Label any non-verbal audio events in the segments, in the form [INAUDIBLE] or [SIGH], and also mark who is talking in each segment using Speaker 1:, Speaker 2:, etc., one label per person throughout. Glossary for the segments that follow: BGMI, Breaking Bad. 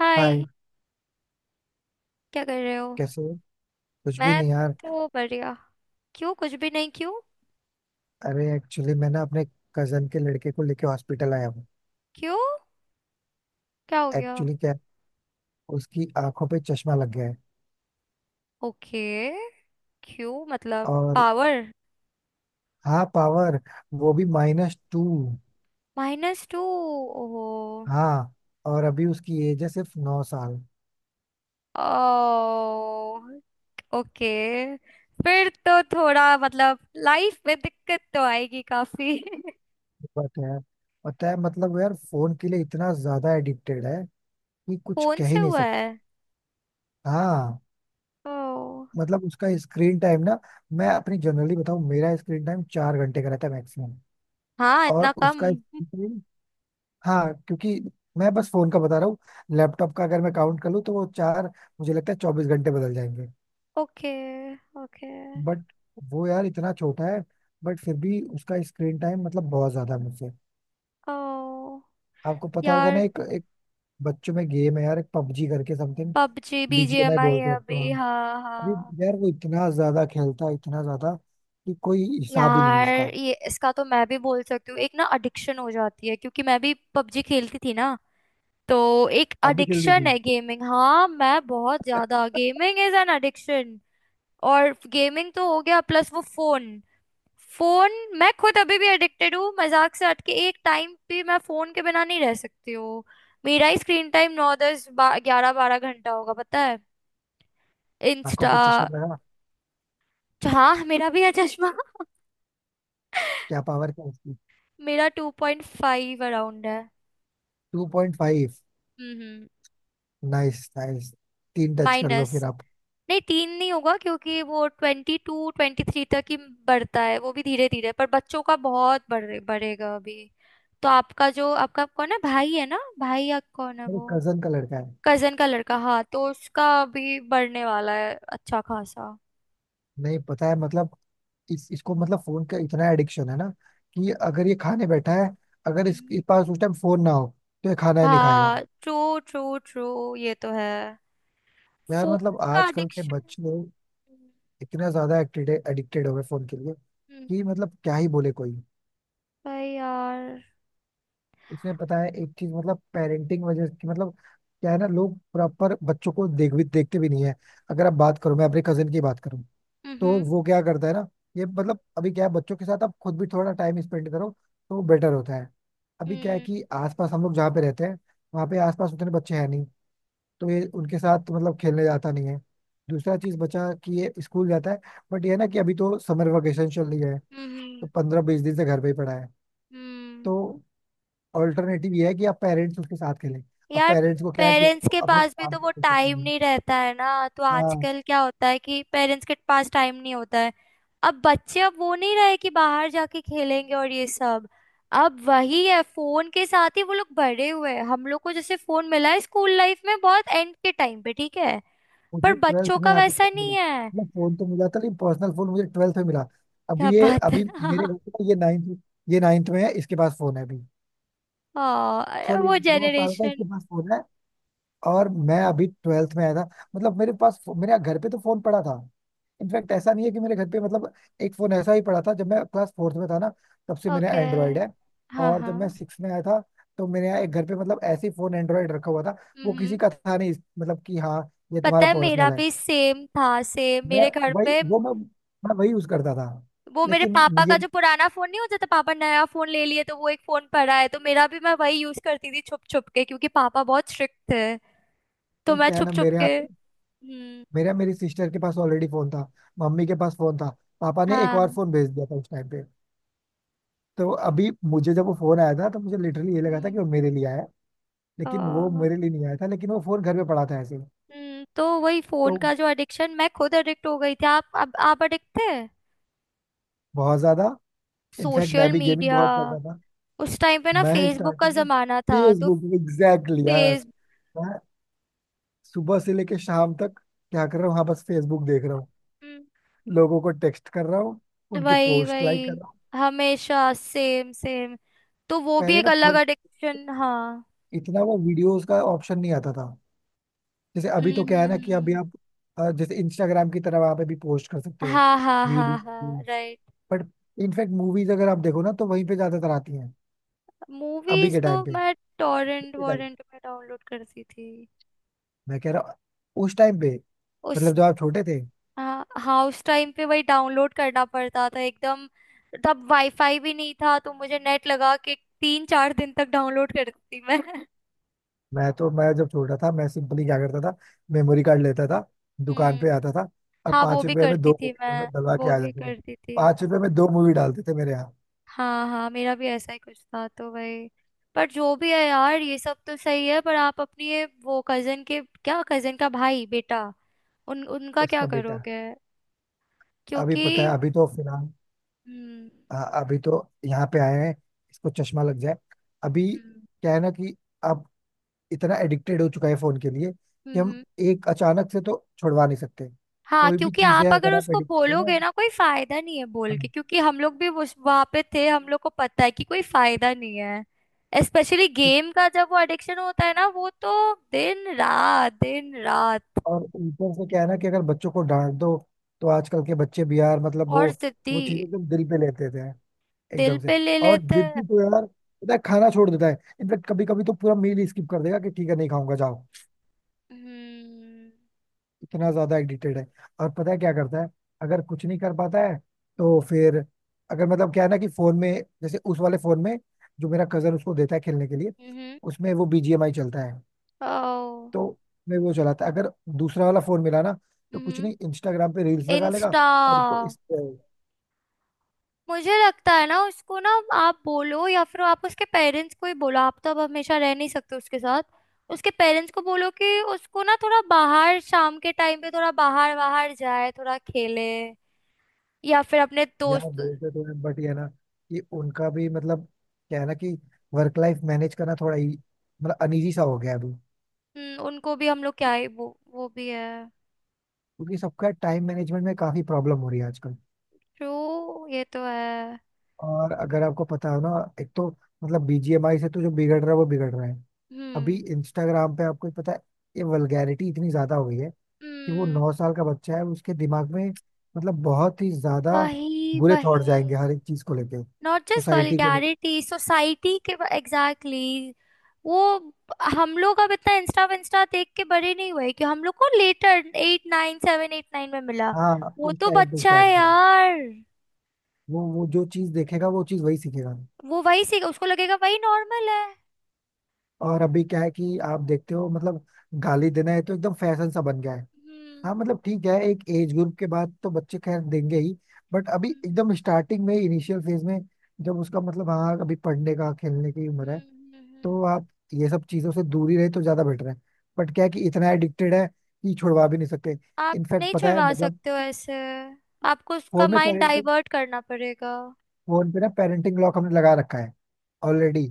Speaker 1: हाय।
Speaker 2: Hi.
Speaker 1: क्या कर रहे हो?
Speaker 2: कैसे हो? कुछ भी
Speaker 1: मैं
Speaker 2: नहीं यार।
Speaker 1: तो बढ़िया। क्यों, कुछ भी नहीं क्यों?
Speaker 2: अरे एक्चुअली मैं ना अपने कजन के लड़के को लेके हॉस्पिटल आया हूँ।
Speaker 1: क्यों, क्या हो गया?
Speaker 2: एक्चुअली क्या है, उसकी आंखों पे चश्मा लग गया है।
Speaker 1: ओके। क्यों, मतलब
Speaker 2: और
Speaker 1: पावर?
Speaker 2: हाँ, पावर वो भी -2।
Speaker 1: -2? ओहो।
Speaker 2: हाँ। और अभी उसकी एज है सिर्फ 9 साल।
Speaker 1: ओ, ओके। फिर तो थोड़ा मतलब लाइफ में दिक्कत तो आएगी काफी। [LAUGHS]
Speaker 2: बात है, पता है मतलब वो यार फोन के लिए इतना ज्यादा एडिक्टेड है कि कुछ
Speaker 1: फोन
Speaker 2: कह
Speaker 1: से
Speaker 2: ही नहीं
Speaker 1: हुआ है?
Speaker 2: सकता। हाँ,
Speaker 1: ओ।
Speaker 2: मतलब उसका स्क्रीन टाइम ना, मैं अपनी जनरली बताऊँ, मेरा स्क्रीन टाइम 4 घंटे का रहता है मैक्सिमम।
Speaker 1: हाँ इतना
Speaker 2: और
Speaker 1: कम?
Speaker 2: उसका, हाँ, क्योंकि मैं बस फोन का बता रहा हूँ। लैपटॉप का अगर मैं काउंट कर लूँ तो वो चार, मुझे लगता है 24 घंटे बदल जाएंगे।
Speaker 1: Okay, okay.
Speaker 2: बट वो यार इतना छोटा है, बट फिर भी उसका स्क्रीन टाइम मतलब बहुत ज्यादा है मुझसे।
Speaker 1: ओ,
Speaker 2: आपको पता होगा ना,
Speaker 1: यार।
Speaker 2: एक एक बच्चों में गेम है यार, एक पबजी करके समथिंग।
Speaker 1: पबजी
Speaker 2: बीजीएमआई
Speaker 1: बीजीएमआई
Speaker 2: बोलते
Speaker 1: है
Speaker 2: हैं तो
Speaker 1: अभी,
Speaker 2: हाँ।
Speaker 1: हाँ
Speaker 2: अभी
Speaker 1: हाँ।
Speaker 2: यार वो इतना ज्यादा खेलता है, इतना ज्यादा कि कोई हिसाब ही नहीं है
Speaker 1: यार,
Speaker 2: उसका।
Speaker 1: ये इसका तो मैं भी बोल सकती हूँ, एक ना एडिक्शन हो जाती है क्योंकि मैं भी पबजी खेलती थी ना। तो एक
Speaker 2: आप भी खेल
Speaker 1: एडिक्शन
Speaker 2: देखिए।
Speaker 1: है गेमिंग, हाँ। मैं बहुत ज्यादा, गेमिंग इज एन एडिक्शन। और गेमिंग तो हो गया, प्लस वो फोन। फोन। मैं खुद अभी भी एडिक्टेड हूँ, मजाक से हट के एक टाइम भी मैं फोन के बिना नहीं रह सकती हूँ। मेरा ही स्क्रीन टाइम नौ दस ग्यारह बारह घंटा होगा, पता है।
Speaker 2: आंखों
Speaker 1: इंस्टा।
Speaker 2: पे चश्मा लगा,
Speaker 1: हाँ मेरा भी है चश्मा।
Speaker 2: क्या पावर क्या उसकी?
Speaker 1: मेरा 2.5 अराउंड है।
Speaker 2: 2.5।
Speaker 1: हम्म।
Speaker 2: Nice nice. तीन टच कर लो
Speaker 1: माइनस।
Speaker 2: फिर आप।
Speaker 1: नहीं तीन नहीं होगा क्योंकि वो 22 23 तक ही बढ़ता है, वो भी धीरे धीरे, पर बच्चों का बहुत बढ़े, बढ़ेगा अभी। तो आपका जो, आपका कौन है भाई? है ना, भाई या कौन है
Speaker 2: मेरे
Speaker 1: वो?
Speaker 2: कजन का लड़का है।
Speaker 1: कजन का लड़का, हाँ, तो उसका अभी बढ़ने वाला है अच्छा खासा।
Speaker 2: नहीं पता है मतलब इसको मतलब फोन का इतना एडिक्शन है ना कि अगर ये खाने बैठा है, अगर इस,
Speaker 1: हम्म।
Speaker 2: इस पास उस टाइम फोन ना हो तो ये खाना ही
Speaker 1: भा,
Speaker 2: नहीं खाएगा।
Speaker 1: ट्रू, ट्रू ट्रू, ये तो है।
Speaker 2: यार
Speaker 1: फोन
Speaker 2: मतलब
Speaker 1: का
Speaker 2: आजकल के
Speaker 1: एडिक्शन।
Speaker 2: बच्चे लोग इतना ज्यादा एडिक्टेड हो गए फोन के लिए कि मतलब क्या ही बोले कोई।
Speaker 1: भाई यार।
Speaker 2: इसमें पता है एक चीज, मतलब पेरेंटिंग वजह की, मतलब क्या है ना, लोग प्रॉपर बच्चों को देख भी देखते भी नहीं है। अगर आप बात करो, मैं अपने कजन की बात करूँ तो
Speaker 1: हम्म
Speaker 2: वो क्या करता है ना, ये मतलब अभी क्या है, बच्चों के साथ आप खुद भी थोड़ा टाइम स्पेंड करो तो बेटर होता है। अभी क्या है
Speaker 1: हम्म
Speaker 2: कि आसपास हम लोग जहाँ पे रहते हैं, वहाँ पे आसपास उतने बच्चे हैं नहीं, तो ये उनके साथ मतलब खेलने जाता नहीं है। दूसरा चीज बचा कि ये स्कूल जाता है, बट ये है ना कि अभी तो समर वेकेशन चल रही है,
Speaker 1: हम्म
Speaker 2: तो 15-20 दिन से घर पे ही पड़ा है।
Speaker 1: हम्म।
Speaker 2: तो ऑल्टरनेटिव ये है कि आप पेरेंट्स उसके साथ खेलें। अब
Speaker 1: यार,
Speaker 2: पेरेंट्स को क्या है कि
Speaker 1: पेरेंट्स के
Speaker 2: अपने
Speaker 1: पास भी
Speaker 2: काम
Speaker 1: तो
Speaker 2: पे
Speaker 1: वो
Speaker 2: फोकस
Speaker 1: टाइम
Speaker 2: नहीं है।
Speaker 1: नहीं रहता है ना, तो
Speaker 2: हाँ।
Speaker 1: आजकल क्या होता है कि पेरेंट्स के पास टाइम नहीं होता है। अब बच्चे, अब वो नहीं रहे कि बाहर जाके खेलेंगे और ये सब। अब वही है, फोन के साथ ही वो लोग बड़े हुए हैं। हम लोग को जैसे फोन मिला है स्कूल लाइफ में बहुत एंड के टाइम पे, ठीक है। पर
Speaker 2: मुझे 12th
Speaker 1: बच्चों
Speaker 2: में
Speaker 1: का
Speaker 2: आके फोन
Speaker 1: वैसा
Speaker 2: मिला,
Speaker 1: नहीं है।
Speaker 2: मतलब फोन तो मिला था लेकिन पर्सनल फोन मुझे 12th में मिला।
Speaker 1: क्या
Speaker 2: अभी ये
Speaker 1: बात है।
Speaker 2: अभी मेरे घर
Speaker 1: [LAUGHS]
Speaker 2: पे ये नाइन्थ में है, इसके पास फोन है अभी।
Speaker 1: हाँ,
Speaker 2: सॉरी,
Speaker 1: वो
Speaker 2: 9 साल का
Speaker 1: जेनरेशन।
Speaker 2: इसके पास फोन है, और मैं अभी 12th में आया था। मतलब मेरे पास, मेरे घर पे तो फोन पड़ा था। इनफैक्ट ऐसा नहीं है कि मेरे घर पे मतलब एक फोन ऐसा ही पड़ा था, जब मैं क्लास 4th में था ना, तब से मेरा
Speaker 1: ओके।
Speaker 2: एंड्रॉयड है।
Speaker 1: हाँ
Speaker 2: और
Speaker 1: हाँ,
Speaker 2: जब मैं सिक्स में आया था, तो मेरे यहाँ एक घर पे मतलब ऐसे ही फोन एंड्रॉयड रखा हुआ था, वो किसी का था नहीं, मतलब कि हाँ, ये
Speaker 1: पता
Speaker 2: तुम्हारा
Speaker 1: है मेरा
Speaker 2: पर्सनल है।
Speaker 1: भी सेम था, सेम
Speaker 2: मैं
Speaker 1: मेरे घर
Speaker 2: वही
Speaker 1: पे।
Speaker 2: वो मैं मैं वही यूज करता था।
Speaker 1: वो मेरे
Speaker 2: लेकिन
Speaker 1: पापा का
Speaker 2: ये,
Speaker 1: जो पुराना फोन, नहीं हो जाता पापा नया फोन ले लिए तो वो एक फोन पड़ा है, तो मेरा भी, मैं वही यूज करती थी छुप छुप के क्योंकि पापा बहुत स्ट्रिक्ट थे। तो
Speaker 2: नहीं
Speaker 1: मैं
Speaker 2: क्या है
Speaker 1: छुप
Speaker 2: ना,
Speaker 1: छुप
Speaker 2: मेरे यहाँ
Speaker 1: के। हम्म।
Speaker 2: मेरी सिस्टर के पास ऑलरेडी फोन था, मम्मी के पास फोन था, पापा ने एक और
Speaker 1: हाँ।
Speaker 2: फोन भेज दिया था उस टाइम पे। तो अभी मुझे जब वो फोन आया था तो मुझे लिटरली ये लगा था कि
Speaker 1: हम्म।
Speaker 2: वो मेरे लिए आया है,
Speaker 1: अ,
Speaker 2: लेकिन वो मेरे लिए नहीं आया था, लेकिन वो फोन घर पे पड़ा था ऐसे ही।
Speaker 1: तो वही फोन
Speaker 2: तो
Speaker 1: का जो एडिक्शन, मैं खुद एडिक्ट हो गई थी, आप अब, आप एडिक्ट थे।
Speaker 2: बहुत ज्यादा, इनफैक्ट मैं
Speaker 1: सोशल
Speaker 2: भी गेमिंग
Speaker 1: मीडिया।
Speaker 2: बहुत करता था।
Speaker 1: उस टाइम पे ना
Speaker 2: मैं
Speaker 1: फेसबुक का
Speaker 2: स्टार्टिंग में
Speaker 1: जमाना था तो।
Speaker 2: फेसबुक, एग्जैक्टली यार।
Speaker 1: फेस।
Speaker 2: मैं सुबह से लेके शाम तक क्या कर रहा हूँ, हाँ बस फेसबुक देख रहा हूँ, लोगों को टेक्स्ट कर रहा हूँ, उनकी
Speaker 1: वही
Speaker 2: पोस्ट लाइक कर
Speaker 1: वही,
Speaker 2: रहा हूँ।
Speaker 1: हमेशा सेम सेम। तो वो भी
Speaker 2: पहले
Speaker 1: एक
Speaker 2: ना
Speaker 1: अलग एडिक्शन, हाँ।
Speaker 2: इतना वो वीडियोस का ऑप्शन नहीं आता था, जैसे
Speaker 1: हम्म
Speaker 2: अभी तो क्या है
Speaker 1: हम्म
Speaker 2: ना कि अभी
Speaker 1: हम्म।
Speaker 2: आप, जैसे इंस्टाग्राम की तरह वहां पे भी पोस्ट कर सकते हो
Speaker 1: हाँ हाँ हाँ
Speaker 2: वीडियो।
Speaker 1: हाँ, राइट।
Speaker 2: बट इनफैक्ट मूवीज अगर आप देखो ना तो वहीं पे ज्यादातर आती हैं। अभी
Speaker 1: मूवीज
Speaker 2: के
Speaker 1: तो
Speaker 2: टाइम पे,
Speaker 1: मैं टॉरेंट
Speaker 2: के टाइम
Speaker 1: वॉरेंट में डाउनलोड करती थी।
Speaker 2: मैं कह रहा हूँ उस टाइम पे,
Speaker 1: उस,
Speaker 2: मतलब जब आप छोटे थे।
Speaker 1: हाँ हाँ, उस टाइम पे वही डाउनलोड करना पड़ता था एकदम। तब वाईफाई भी नहीं था तो मुझे नेट लगा के 3 4 दिन तक डाउनलोड करती थी मैं। [LAUGHS]
Speaker 2: मैं तो, मैं जब छोटा था मैं सिंपली क्या करता था, मेमोरी कार्ड लेता था, दुकान
Speaker 1: हम्म।
Speaker 2: पे आता था, और
Speaker 1: हाँ, वो
Speaker 2: पांच
Speaker 1: भी
Speaker 2: रुपए में
Speaker 1: करती
Speaker 2: दो
Speaker 1: थी
Speaker 2: मूवी
Speaker 1: मैं।
Speaker 2: डलवा के
Speaker 1: वो
Speaker 2: आ
Speaker 1: भी
Speaker 2: जाता था।
Speaker 1: करती थी,
Speaker 2: 5 रुपए
Speaker 1: हाँ।
Speaker 2: में दो मूवी डालते थे मेरे यहाँ।
Speaker 1: हाँ हाँ, मेरा भी ऐसा ही कुछ था, तो भाई, पर जो भी है यार, ये सब तो सही है, पर आप अपनी ये, वो कजन के क्या, कजन का भाई बेटा, उन उनका क्या
Speaker 2: उसका बेटा।
Speaker 1: करोगे?
Speaker 2: अभी
Speaker 1: क्योंकि,
Speaker 2: पता है अभी तो फिलहाल,
Speaker 1: हम्म
Speaker 2: अ, अभी तो यहाँ पे आए हैं, इसको चश्मा लग जाए अभी।
Speaker 1: हम्म
Speaker 2: क्या है ना कि अब इतना एडिक्टेड हो चुका है फोन के लिए कि हम
Speaker 1: हम्म,
Speaker 2: एक अचानक से तो छुड़वा नहीं सकते।
Speaker 1: हाँ,
Speaker 2: कोई भी
Speaker 1: क्योंकि
Speaker 2: चीज
Speaker 1: आप
Speaker 2: है
Speaker 1: अगर
Speaker 2: अगर आप
Speaker 1: उसको
Speaker 2: एडिक्टेड हो ना।
Speaker 1: बोलोगे ना कोई फायदा नहीं है बोल के,
Speaker 2: हाँ।
Speaker 1: क्योंकि हम लोग भी उस वहां पे थे, हम लोग को पता है कि कोई फायदा नहीं है, स्पेशली
Speaker 2: क्यों-
Speaker 1: गेम का जब वो एडिक्शन होता है ना, वो तो दिन रात दिन रात।
Speaker 2: और ऊपर से क्या है ना कि अगर बच्चों को डांट दो, तो आजकल के बच्चे भी यार मतलब वो
Speaker 1: और सिद्धि,
Speaker 2: वो चीजें एकदम दिल पे लेते थे
Speaker 1: दिल
Speaker 2: एकदम से।
Speaker 1: पे ले
Speaker 2: और
Speaker 1: लेते हैं।
Speaker 2: जिद्दी तो यार पता है, खाना छोड़ देता है। इनफेक्ट कभी कभी तो पूरा मील ही स्किप कर देगा कि ठीक है नहीं खाऊंगा जाओ।
Speaker 1: हम्म
Speaker 2: इतना ज्यादा एडिक्टेड है। और पता है क्या करता है, अगर कुछ नहीं कर पाता है तो फिर, अगर मतलब क्या है ना कि फोन में, जैसे उस वाले फोन में जो मेरा कजन उसको देता है खेलने के लिए,
Speaker 1: हम्म।
Speaker 2: उसमें वो बीजीएमआई चलता है।
Speaker 1: ओ।
Speaker 2: तो मैं वो चलाता है अगर दूसरा वाला फोन मिला ना, तो कुछ
Speaker 1: हम्म।
Speaker 2: नहीं इंस्टाग्राम पे रील्स लगा लेगा।
Speaker 1: इंस्टा।
Speaker 2: और उसको इस।
Speaker 1: मुझे लगता है ना उसको ना, आप बोलो या फिर आप उसके पेरेंट्स को ही बोलो, आप तो अब हमेशा रह नहीं सकते उसके साथ। उसके पेरेंट्स को बोलो कि उसको ना थोड़ा बाहर, शाम के टाइम पे थोड़ा बाहर बाहर जाए, थोड़ा खेले या फिर अपने
Speaker 2: यार
Speaker 1: दोस्त।
Speaker 2: बोलते तो हैं बट ये है ना कि उनका भी मतलब क्या है ना कि वर्क लाइफ मैनेज करना थोड़ा ही मतलब अनईजी सा हो गया है अभी।
Speaker 1: उनको भी, हम लोग क्या ही, वो भी है।
Speaker 2: क्योंकि सबका टाइम मैनेजमेंट में काफी प्रॉब्लम हो रही है आजकल।
Speaker 1: ट्रू, ये तो है।
Speaker 2: और अगर आपको पता हो ना, एक तो मतलब बीजीएमआई से तो जो बिगड़ रहा है वो बिगड़ रहा है। अभी
Speaker 1: हम्म
Speaker 2: इंस्टाग्राम पे आपको पता है ये वल्गैरिटी इतनी ज्यादा हो गई है कि वो
Speaker 1: हम्म।
Speaker 2: 9 साल का बच्चा है, उसके दिमाग में मतलब बहुत ही ज्यादा
Speaker 1: वही
Speaker 2: बुरे थॉट
Speaker 1: वही।
Speaker 2: जाएंगे, हर एक चीज को लेके,
Speaker 1: नॉट जस्ट
Speaker 2: सोसाइटी को लेके।
Speaker 1: वल्गैरिटी, सोसाइटी के, एग्जैक्टली, exactly, वो हम लोग अब इतना इंस्टा विंस्टा देख के बड़े नहीं हुए, कि हम लोग को letter, eight nine seven eight nine में मिला।
Speaker 2: हाँ
Speaker 1: वो
Speaker 2: उस
Speaker 1: तो
Speaker 2: टाइम पे
Speaker 1: बच्चा
Speaker 2: स्टार्ट
Speaker 1: है
Speaker 2: किया,
Speaker 1: यार।
Speaker 2: वो जो चीज देखेगा वो चीज वही सीखेगा।
Speaker 1: वो वही सीख, उसको लगेगा वही नॉर्मल है।
Speaker 2: और अभी क्या है कि आप देखते हो मतलब गाली देना है तो एकदम फैशन सा बन गया है। हाँ
Speaker 1: हम्म,
Speaker 2: मतलब ठीक है, एक एज ग्रुप के बाद तो बच्चे खैर देंगे ही, बट अभी
Speaker 1: हम्म,
Speaker 2: एकदम स्टार्टिंग में, इनिशियल फेज में, जब उसका मतलब हाँ अभी पढ़ने का खेलने की उम्र है,
Speaker 1: हम्म, हम्म।
Speaker 2: तो आप ये सब चीजों से दूरी रहे तो ज्यादा बेटर है। बट क्या है कि इतना एडिक्टेड है कि छुड़वा भी नहीं सकते।
Speaker 1: आप
Speaker 2: इनफैक्ट
Speaker 1: नहीं
Speaker 2: पता है
Speaker 1: छुड़वा
Speaker 2: मतलब
Speaker 1: सकते हो ऐसे। आपको उसका
Speaker 2: फोन में
Speaker 1: माइंड
Speaker 2: पेरेंट
Speaker 1: डाइवर्ट करना पड़ेगा।
Speaker 2: फोन पे ना पेरेंटिंग लॉक हमने लगा रखा है ऑलरेडी।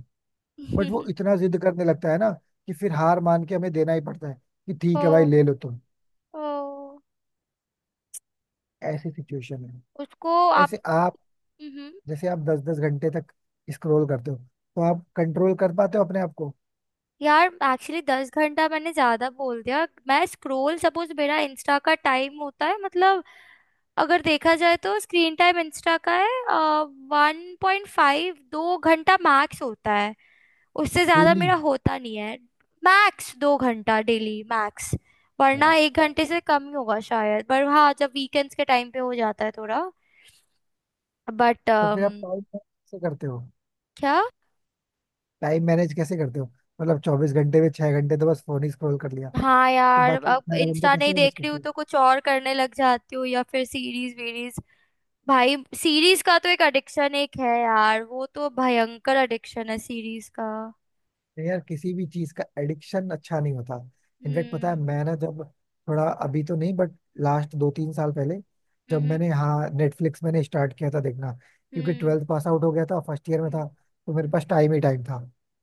Speaker 2: बट वो
Speaker 1: [LAUGHS]
Speaker 2: इतना जिद करने लगता है ना कि फिर हार मान के हमें देना ही पड़ता है कि
Speaker 1: ओ।
Speaker 2: ठीक है भाई ले लो तुम।
Speaker 1: ओ।
Speaker 2: ऐसी सिचुएशन है।
Speaker 1: उसको, आप।
Speaker 2: वैसे आप
Speaker 1: हम्म।
Speaker 2: जैसे आप 10 10 घंटे तक स्क्रॉल करते हो, तो आप कंट्रोल कर पाते हो अपने आप को?
Speaker 1: यार एक्चुअली 10 घंटा मैंने ज्यादा बोल दिया, मैं स्क्रोल सपोज मेरा इंस्टा का टाइम होता है मतलब, अगर देखा जाए तो स्क्रीन टाइम इंस्टा का है 1.5, 2 घंटा मैक्स होता है। उससे ज्यादा
Speaker 2: डेली?
Speaker 1: मेरा होता नहीं है। मैक्स 2 घंटा, डेली मैक्स। वरना
Speaker 2: हाँ,
Speaker 1: एक घंटे से कम ही होगा शायद, पर हाँ जब वीकेंड्स के टाइम पे हो जाता है थोड़ा। बट
Speaker 2: तो फिर आप टाइम कैसे करते हो,
Speaker 1: क्या।
Speaker 2: टाइम मैनेज कैसे करते हो? मतलब 24 घंटे में 6 घंटे तो बस फोन ही स्क्रॉल कर लिया,
Speaker 1: हाँ
Speaker 2: तो
Speaker 1: यार,
Speaker 2: बाकी
Speaker 1: अब
Speaker 2: 18 घंटे
Speaker 1: इंस्टा
Speaker 2: कैसे
Speaker 1: नहीं
Speaker 2: मैनेज
Speaker 1: देख रही
Speaker 2: करते
Speaker 1: हूँ
Speaker 2: हो?
Speaker 1: तो कुछ और करने लग जाती हूँ, या फिर सीरीज वीरीज। भाई, सीरीज का तो एक एडिक्शन एक है यार, वो तो भयंकर एडिक्शन है सीरीज का।
Speaker 2: तो यार किसी भी चीज का एडिक्शन अच्छा नहीं होता। इनफैक्ट पता है
Speaker 1: हम्म
Speaker 2: मैं ना जब, थोड़ा अभी तो नहीं बट लास्ट 2-3 साल पहले, जब
Speaker 1: हम्म
Speaker 2: मैंने, हाँ, नेटफ्लिक्स मैंने स्टार्ट किया था देखना, क्योंकि
Speaker 1: हम्म
Speaker 2: 12th पास आउट हो गया था, फर्स्ट ईयर में था,
Speaker 1: हम्म,
Speaker 2: तो मेरे
Speaker 1: हम्म।
Speaker 2: पास टाइम ही टाइम था।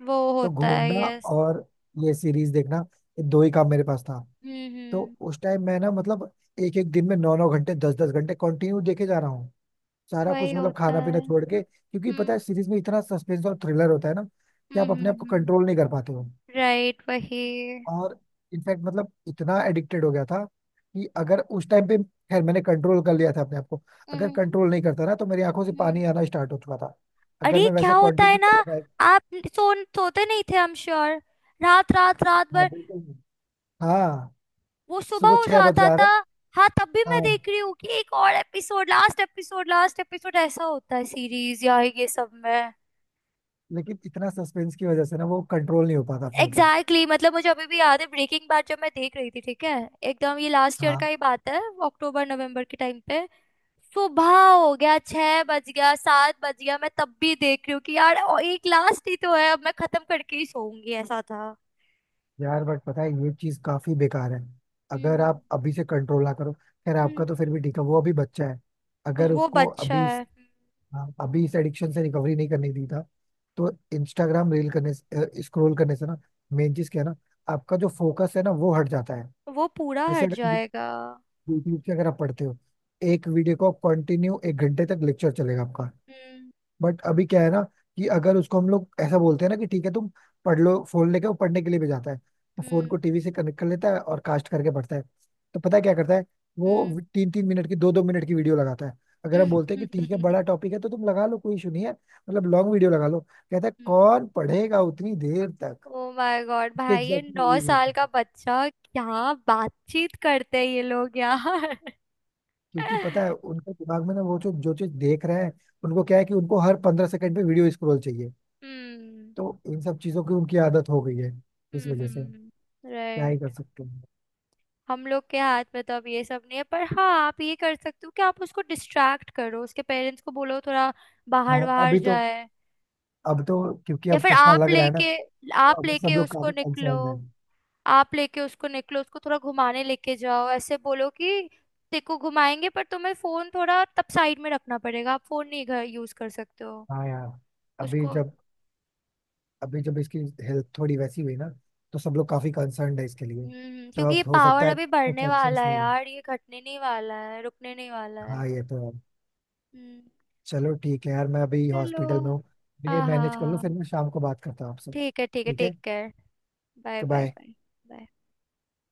Speaker 1: वो
Speaker 2: तो
Speaker 1: होता है,
Speaker 2: घूमना
Speaker 1: यस।
Speaker 2: और ये सीरीज देखना, ये दो ही काम मेरे पास था। तो
Speaker 1: हम्म।
Speaker 2: उस टाइम मैं ना मतलब एक एक दिन में 9 9 घंटे 10 10 घंटे कंटिन्यू देखे जा रहा हूँ, सारा
Speaker 1: वही
Speaker 2: कुछ मतलब
Speaker 1: होता
Speaker 2: खाना पीना
Speaker 1: है।
Speaker 2: छोड़ के, क्योंकि पता
Speaker 1: हम्म
Speaker 2: है सीरीज में इतना सस्पेंस और थ्रिलर होता है ना कि
Speaker 1: हम्म
Speaker 2: आप अपने आप को
Speaker 1: हम्म,
Speaker 2: कंट्रोल नहीं कर पाते हो।
Speaker 1: राइट, वही।
Speaker 2: और इनफैक्ट मतलब इतना एडिक्टेड हो गया था कि अगर उस टाइम पे खैर मैंने कंट्रोल कर लिया था अपने आप को, अगर
Speaker 1: हम्म
Speaker 2: कंट्रोल नहीं करता ना तो मेरी आंखों से
Speaker 1: हम्म।
Speaker 2: पानी आना स्टार्ट हो चुका था, अगर
Speaker 1: अरे
Speaker 2: मैं
Speaker 1: क्या
Speaker 2: वैसे
Speaker 1: होता है
Speaker 2: कंटिन्यू
Speaker 1: ना,
Speaker 2: कर रहा।
Speaker 1: आप सोते नहीं थे, आई एम श्योर, रात रात रात
Speaker 2: हाँ
Speaker 1: भर,
Speaker 2: बिल्कुल। हाँ।
Speaker 1: वो सुबह
Speaker 2: सुबह
Speaker 1: हो
Speaker 2: 6 बज
Speaker 1: जाता
Speaker 2: जा रहा
Speaker 1: था।
Speaker 2: है।
Speaker 1: हाँ तब भी मैं
Speaker 2: हाँ,
Speaker 1: देख रही हूँ कि एक और episode, last episode, last episode, ऐसा होता है सीरीज या ये सब में।
Speaker 2: लेकिन इतना सस्पेंस की वजह से ना वो कंट्रोल नहीं हो पाता अपने ऊपर।
Speaker 1: एग्जैक्टली, exactly, मतलब मुझे अभी भी याद है, ब्रेकिंग बैड जब मैं देख रही थी ठीक है, एकदम ये लास्ट ईयर का
Speaker 2: हाँ
Speaker 1: ही बात है, अक्टूबर नवंबर के टाइम पे, सुबह हो गया छह बज गया सात बज गया, मैं तब भी देख रही हूँ कि यार और एक लास्ट ही तो है, अब मैं खत्म करके ही सोऊंगी, ऐसा था।
Speaker 2: यार बट पता है ये चीज काफी बेकार है, अगर
Speaker 1: हम्म
Speaker 2: आप अभी से कंट्रोल ना करो, खैर आपका तो फिर भी
Speaker 1: हम्म।
Speaker 2: ठीक है, वो अभी बच्चा है, अगर
Speaker 1: वो
Speaker 2: उसको
Speaker 1: बच्चा
Speaker 2: अभी,
Speaker 1: है,
Speaker 2: हाँ, अभी इस एडिक्शन से रिकवरी नहीं करने दी था तो इंस्टाग्राम रील करने से स्क्रॉल करने से ना, मेन चीज क्या है ना, आपका जो फोकस है ना वो हट जाता है।
Speaker 1: वो पूरा
Speaker 2: जैसे
Speaker 1: हट
Speaker 2: अगर
Speaker 1: जाएगा।
Speaker 2: यूट्यूब से अगर आप पढ़ते हो, एक वीडियो को कंटिन्यू एक घंटे तक लेक्चर चलेगा आपका। बट अभी क्या है ना कि अगर उसको हम लोग ऐसा बोलते हैं ना कि ठीक है तुम पढ़ लो फोन लेके, वो पढ़ने के लिए भी जाता है तो फोन
Speaker 1: हम्म
Speaker 2: को टीवी से कनेक्ट कर लेता है और कास्ट करके पढ़ता है। तो पता है क्या करता है,
Speaker 1: हम्म।
Speaker 2: वो 3 3 मिनट की, 2 2 मिनट की वीडियो लगाता है। अगर हम बोलते हैं कि ठीक है बड़ा
Speaker 1: [LAUGHS]
Speaker 2: टॉपिक है तो तुम लगा लो कोई इशू नहीं है, मतलब लॉन्ग वीडियो लगा लो, कहता है
Speaker 1: हम्म।
Speaker 2: कौन पढ़ेगा उतनी देर तक।
Speaker 1: ओ माय गॉड
Speaker 2: उसके
Speaker 1: भाई, ये
Speaker 2: एग्जैक्टली यही
Speaker 1: नौ
Speaker 2: बोलते
Speaker 1: साल
Speaker 2: हैं,
Speaker 1: का बच्चा, क्या बातचीत करते हैं ये लोग यार।
Speaker 2: क्योंकि पता
Speaker 1: [LAUGHS]
Speaker 2: है उनके दिमाग में ना वो जो जो चीज देख रहे हैं, उनको क्या है कि उनको हर 15 सेकंड पे वीडियो स्क्रॉल चाहिए,
Speaker 1: हम्म
Speaker 2: तो इन सब चीजों की उनकी आदत हो गई है इस वजह से।
Speaker 1: हम्म,
Speaker 2: क्या ही कर
Speaker 1: राइट।
Speaker 2: सकते हैं।
Speaker 1: हम लोग के हाथ में तो अब ये सब नहीं है, पर हाँ आप ये कर सकते हो कि आप उसको डिस्ट्रैक्ट करो, उसके पेरेंट्स को बोलो थोड़ा बाहर
Speaker 2: हाँ
Speaker 1: बाहर
Speaker 2: अभी तो,
Speaker 1: जाए,
Speaker 2: अब तो क्योंकि
Speaker 1: या
Speaker 2: अब
Speaker 1: फिर
Speaker 2: चश्मा लग रहा है ना, तो
Speaker 1: आप
Speaker 2: अभी सब
Speaker 1: लेके
Speaker 2: लोग
Speaker 1: उसको
Speaker 2: काफी
Speaker 1: निकलो।
Speaker 2: कंसर्न है।
Speaker 1: आप लेके उसको निकलो, उसको थोड़ा घुमाने लेके जाओ, ऐसे बोलो कि देखो घुमाएंगे पर तुम्हें फोन थोड़ा तब साइड में रखना पड़ेगा, आप फोन नहीं घर यूज कर सकते हो
Speaker 2: हाँ यार, अभी
Speaker 1: उसको।
Speaker 2: जब अभी जब इसकी हेल्थ थोड़ी वैसी हुई ना, तो सब लोग काफी कंसर्न है इसके लिए।
Speaker 1: हम्म,
Speaker 2: तो
Speaker 1: क्योंकि
Speaker 2: अब
Speaker 1: ये
Speaker 2: हो
Speaker 1: पावर
Speaker 2: सकता है
Speaker 1: अभी
Speaker 2: कुछ
Speaker 1: बढ़ने वाला
Speaker 2: एक्शंस,
Speaker 1: है
Speaker 2: नहीं
Speaker 1: यार, ये घटने नहीं वाला है, रुकने नहीं वाला है।
Speaker 2: हाँ ये तो है।
Speaker 1: हम्म।
Speaker 2: चलो ठीक है यार, मैं अभी
Speaker 1: चलो,
Speaker 2: हॉस्पिटल में हूँ, ये
Speaker 1: हाँ
Speaker 2: मैनेज
Speaker 1: हाँ
Speaker 2: कर लो, फिर
Speaker 1: हाँ,
Speaker 2: मैं शाम को बात करता हूँ आपसे,
Speaker 1: ठीक है ठीक है,
Speaker 2: ठीक है
Speaker 1: take care, bye bye
Speaker 2: bye.
Speaker 1: Bye bye.